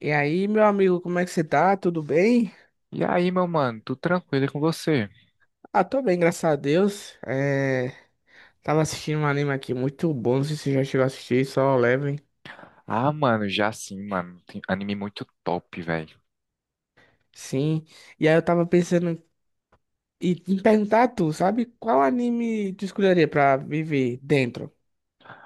E aí, meu amigo, como é que você tá? Tudo bem? E aí, meu mano, tudo tranquilo e com você? Ah, tô bem, graças a Deus. É, tava assistindo um anime aqui muito bom, não sei se você já chegou a assistir, só leve. Ah, mano, já sim, mano. Tem anime muito top, velho. Sim. E aí eu tava pensando em perguntar a tu, sabe? Qual anime tu escolheria pra viver dentro?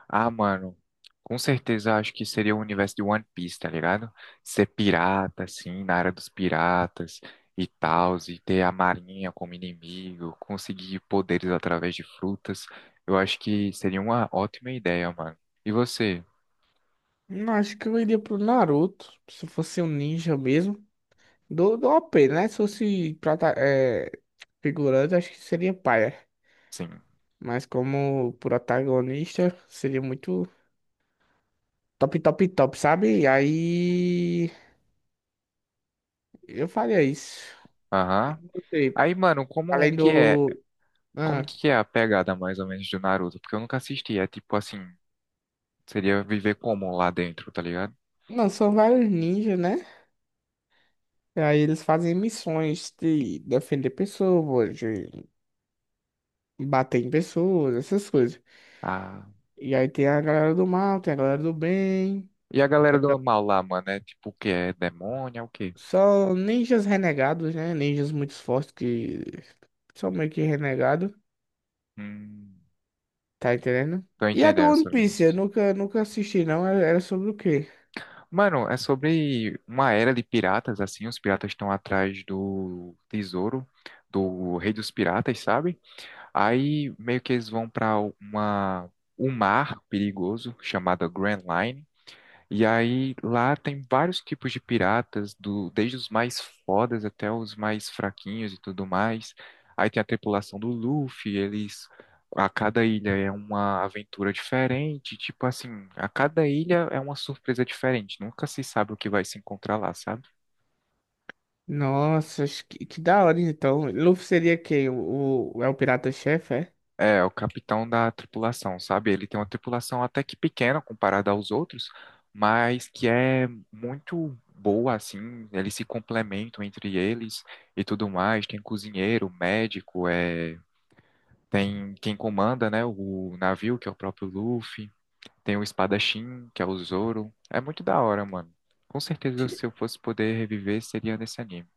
Ah, mano, com certeza acho que seria o universo de One Piece, tá ligado? Ser pirata, assim, na área dos piratas e tal, e ter a marinha como inimigo, conseguir poderes através de frutas. Eu acho que seria uma ótima ideia, mano. E você? Não, acho que eu iria pro Naruto, se fosse um ninja mesmo. Do OP, né? Se fosse figurante, acho que seria paia. Sim. Mas como protagonista, seria muito top, top, top, sabe? E aí eu faria isso. Aham. Não sei. Aí, mano, como Além que é? do. Como Ah, que é a pegada mais ou menos do Naruto? Porque eu nunca assisti. É tipo assim. Seria viver como lá dentro, tá ligado? não, são vários ninjas, né? E aí eles fazem missões de defender pessoas, de bater em pessoas, essas coisas. Ah. E aí tem a galera do mal, tem a galera do bem. E a galera do mal lá, mano, é tipo o quê? É demônio, é o quê? São ninjas renegados, né? Ninjas muito fortes que são meio que renegados, Hum, tá entendendo? tô E a do entendendo One essa Piece, organização. eu nunca, nunca assisti, não. Era sobre o quê? Mano, é sobre uma era de piratas, assim, os piratas estão atrás do tesouro do rei dos piratas, sabe? Aí meio que eles vão pra uma um mar perigoso chamado Grand Line. E aí lá tem vários tipos de piratas, desde os mais fodas até os mais fraquinhos e tudo mais. Aí tem a tripulação do Luffy, eles a cada ilha é uma aventura diferente, tipo assim, a cada ilha é uma surpresa diferente, nunca se sabe o que vai se encontrar lá, sabe? Nossa, acho que da hora, então. Luffy seria quem? É o pirata-chefe, é? É, o capitão da tripulação, sabe? Ele tem uma tripulação até que pequena comparada aos outros, mas que é muito boa, assim. Eles se complementam entre eles e tudo mais. Tem cozinheiro, médico, é... tem quem comanda, né? O navio, que é o próprio Luffy. Tem o espadachim, que é o Zoro. É muito da hora, mano. Com certeza, se eu fosse poder reviver, seria nesse anime.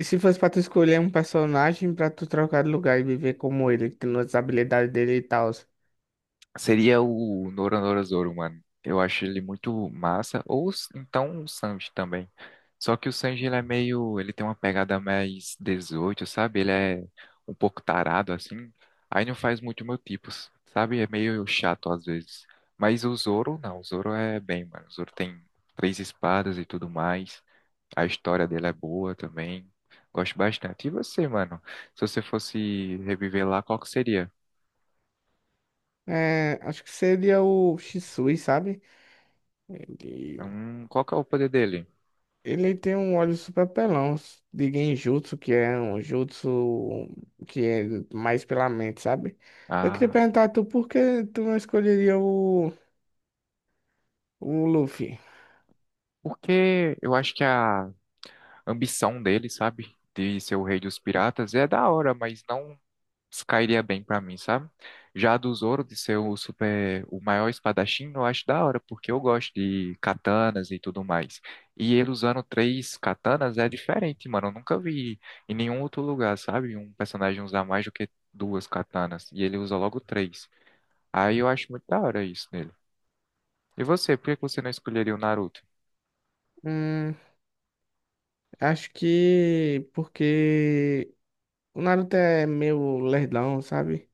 E se fosse pra tu escolher um personagem pra tu trocar de lugar e viver como ele, tendo as habilidades dele e tal. Seria o Noronorozauro, mano. Eu acho ele muito massa. Ou então o Sanji também. Só que o Sanji, ele é meio. Ele tem uma pegada mais 18, sabe? Ele é um pouco tarado, assim. Aí não faz muito meu tipo, sabe? É meio chato às vezes. Mas o Zoro, não. O Zoro é bem, mano. O Zoro tem três espadas e tudo mais. A história dele é boa também. Gosto bastante. E você, mano? Se você fosse reviver lá, qual que seria? É, acho que seria o Shisui, sabe? Ele, Qual que é o poder dele? ele tem um olho super pelão de Genjutsu, que é um jutsu que é mais pela mente, sabe? Eu queria Ah, perguntar a tu por que tu não escolheria o Luffy? porque eu acho que a ambição dele, sabe, de ser o rei dos piratas é da hora, mas não cairia bem pra mim, sabe? Já a do Zoro de ser o super, o maior espadachim, eu acho da hora, porque eu gosto de katanas e tudo mais. E ele usando três katanas é diferente, mano. Eu nunca vi em nenhum outro lugar, sabe? Um personagem usar mais do que duas katanas e ele usa logo três. Aí eu acho muito da hora isso nele. E você, por que que você não escolheria o Naruto? Hum, Acho que porque o Naruto é meio lerdão, sabe?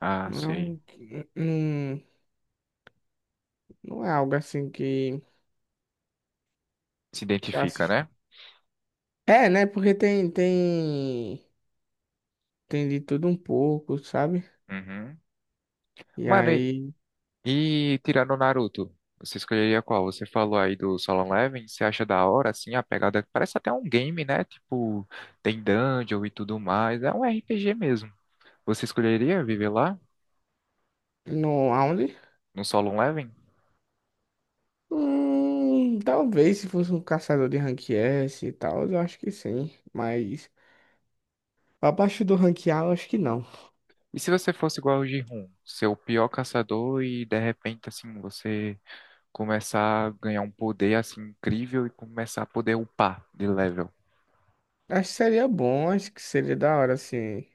Ah, Não é, sei. Não, não é algo assim que, Se que eu identifica, assisto. né? É, né? Porque tem, tem, tem de tudo um pouco, sabe? Uhum. E Mano, aí, e tirando o Naruto, você escolheria qual? Você falou aí do Solo Leveling, você acha da hora, assim, a pegada? Parece até um game, né? Tipo, tem dungeon e tudo mais. É um RPG mesmo. Você escolheria viver lá, no, aonde? no Solo Leveling? Talvez se fosse um caçador de rank S e tal, eu acho que sim. Mas abaixo do rank A, eu acho que não. E se você fosse igual o Jihun, ser o pior caçador e de repente, assim, você começar a ganhar um poder, assim, incrível e começar a poder upar de level? Acho que seria bom, acho que seria da hora, assim,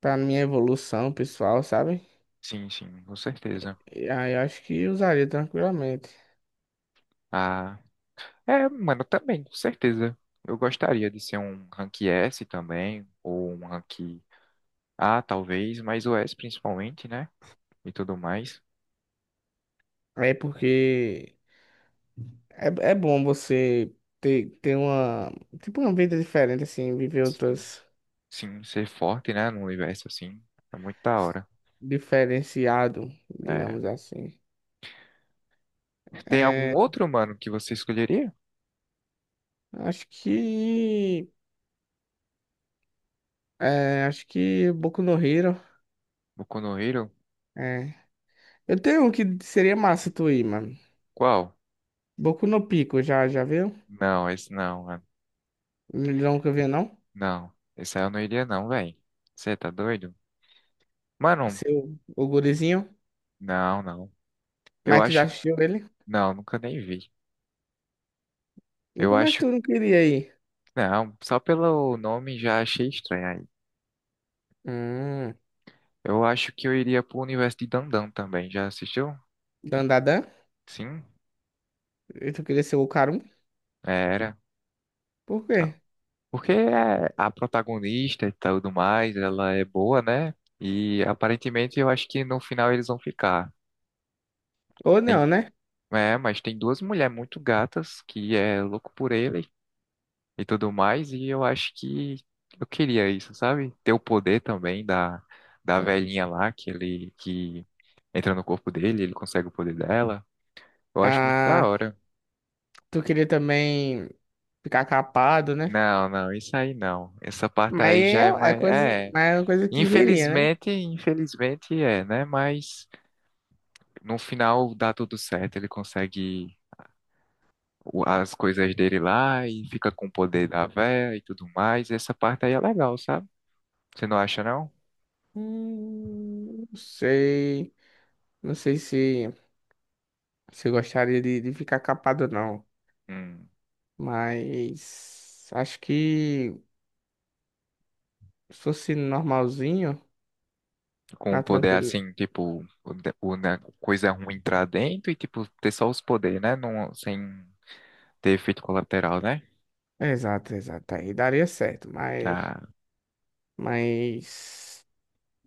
pra minha evolução pessoal, sabe? Sim, sim, com certeza. E aí eu acho que usaria tranquilamente. Ah. É, mano, também, com certeza. Eu gostaria de ser um rank S também, ou um rank A, talvez, mas o S principalmente, né? E tudo mais. É porque é bom você ter uma, tipo, uma vida diferente, assim, viver Sim, outras sim, ser forte, né? No universo, assim. É muito da hora. diferenciado, É. digamos assim. Tem algum É, outro, mano, que você escolheria? acho que acho que Boku no Hero. Boku no Hero? É. Eu tenho um que seria massa tu ir, mano. Qual? Boku no Pico, já já viu? Não, esse não, mano. Nunca vi, não? Não. Esse aí eu não iria, não, velho. Você tá doido? Mano, Seu o gurizinho. não, não. Eu Mas tu já acho. assistiu ele? Não, nunca nem vi. E Eu como é que acho. tu não queria ir? Não, só pelo nome já achei estranho. Hum. Eu acho que eu iria pro universo de Dandan também. Já assistiu? Dandadan? Sim. E tu queria ser o Karum? É, era. Por quê? Ah, porque é a protagonista e tudo mais, ela é boa, né? E aparentemente eu acho que no final eles vão ficar. Ou não, Tem- né? é, mas tem duas mulheres muito gatas que é louco por ele e tudo mais, e eu acho que eu queria isso, sabe? Ter o poder também da velhinha lá que entra no corpo dele, ele consegue o poder dela. Eu acho muito da Ah, hora. tu queria também ficar capado, né? Não, não, isso aí não. Essa parte Mas aí é, já é é mais. coisa, É. mas é uma coisa que viria, né? Infelizmente, infelizmente é, né? Mas no final dá tudo certo. Ele consegue as coisas dele lá e fica com o poder da véia e tudo mais. Essa parte aí é legal, sabe? Você não acha, não? Não sei. Não sei se eu gostaria de ficar capado, ou não. Hum, Mas acho que se fosse normalzinho, com um na poder tranquilo. assim, tipo, o, né, coisa ruim entrar dentro e, tipo, ter só os poderes, né? Não, sem ter efeito colateral, né? Exato, exato. Aí daria certo. Mas, Ah, mas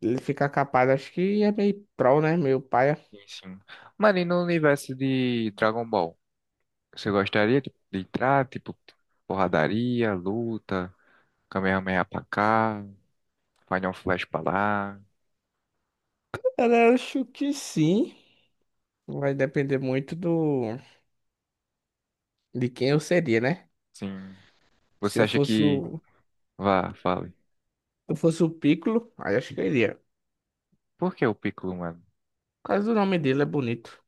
ele ficar capado, acho que é meio pró, né? Meu pai. sim. Sim. Mano, e no universo de Dragon Ball? Você gostaria tipo, de entrar, tipo, porradaria, luta, Kamehameha pra cá, Final Flash pra lá, Cara, eu acho que sim. Vai depender muito do de quem eu seria, né? sim. Se Você eu acha fosse que... o, Vá, fale. eu fosse o Piccolo, aí acho que eu iria. Por que o Piccolo, mano? Por causa do nome dele é bonito.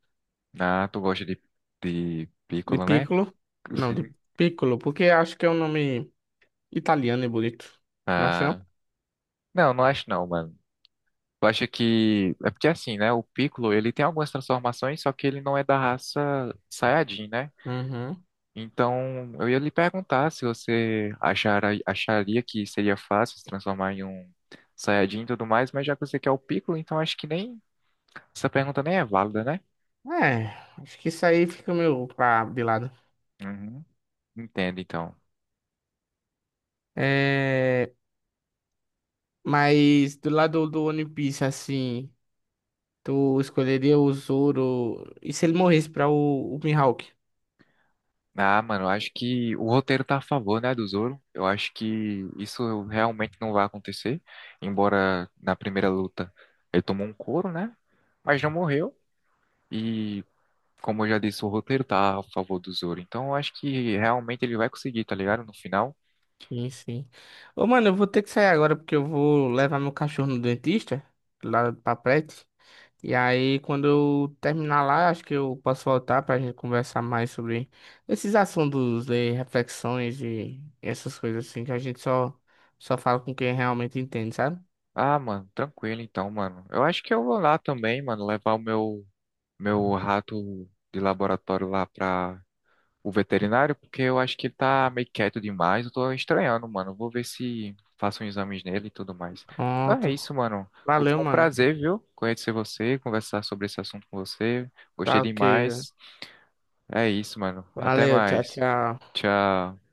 Ah, tu gosta de De Piccolo, né? Piccolo? Não, de Sim. Piccolo, porque acho que é um nome italiano e bonito. Não acha não? Ah, não, não acho não, mano. Eu acho que... É porque assim, né? O Piccolo, ele tem algumas transformações, só que ele não é da raça Saiyajin, né? Uhum. Então, eu ia lhe perguntar se você acharia que seria fácil se transformar em um Saiyajin e tudo mais, mas já que você quer o Piccolo, então acho que nem essa pergunta nem é válida, né? É, acho que isso aí fica meio pra de lado. Uhum. Entendo, então. É, mas do lado do One Piece, assim, tu escolheria o Zoro. E se ele morresse pra o Mihawk? Ah, mano, eu acho que o roteiro tá a favor, né, do Zoro. Eu acho que isso realmente não vai acontecer, embora na primeira luta ele tomou um couro, né? Mas não morreu e como eu já disse, o roteiro tá a favor do Zoro. Então, eu acho que realmente ele vai conseguir, tá ligado? No final. Sim, sim. Ô, mano, eu vou ter que sair agora porque eu vou levar meu cachorro no dentista, lá do Papete. E aí, quando eu terminar lá, acho que eu posso voltar pra gente conversar mais sobre esses assuntos de reflexões e essas coisas assim, que a gente só fala com quem realmente entende, sabe? Ah, mano, tranquilo então, mano. Eu acho que eu vou lá também, mano, levar o meu, meu rato de laboratório lá pra o veterinário, porque eu acho que ele tá meio quieto demais. Eu tô estranhando, mano. Vou ver se faço uns exames nele e tudo mais. Então é Pronto. isso, mano. Foi Valeu, um mano. prazer, viu? Conhecer você, conversar sobre esse assunto com você. Gostei Tá ok. demais. É isso, mano. Até Valeu, tchau, mais. tchau. Tchau.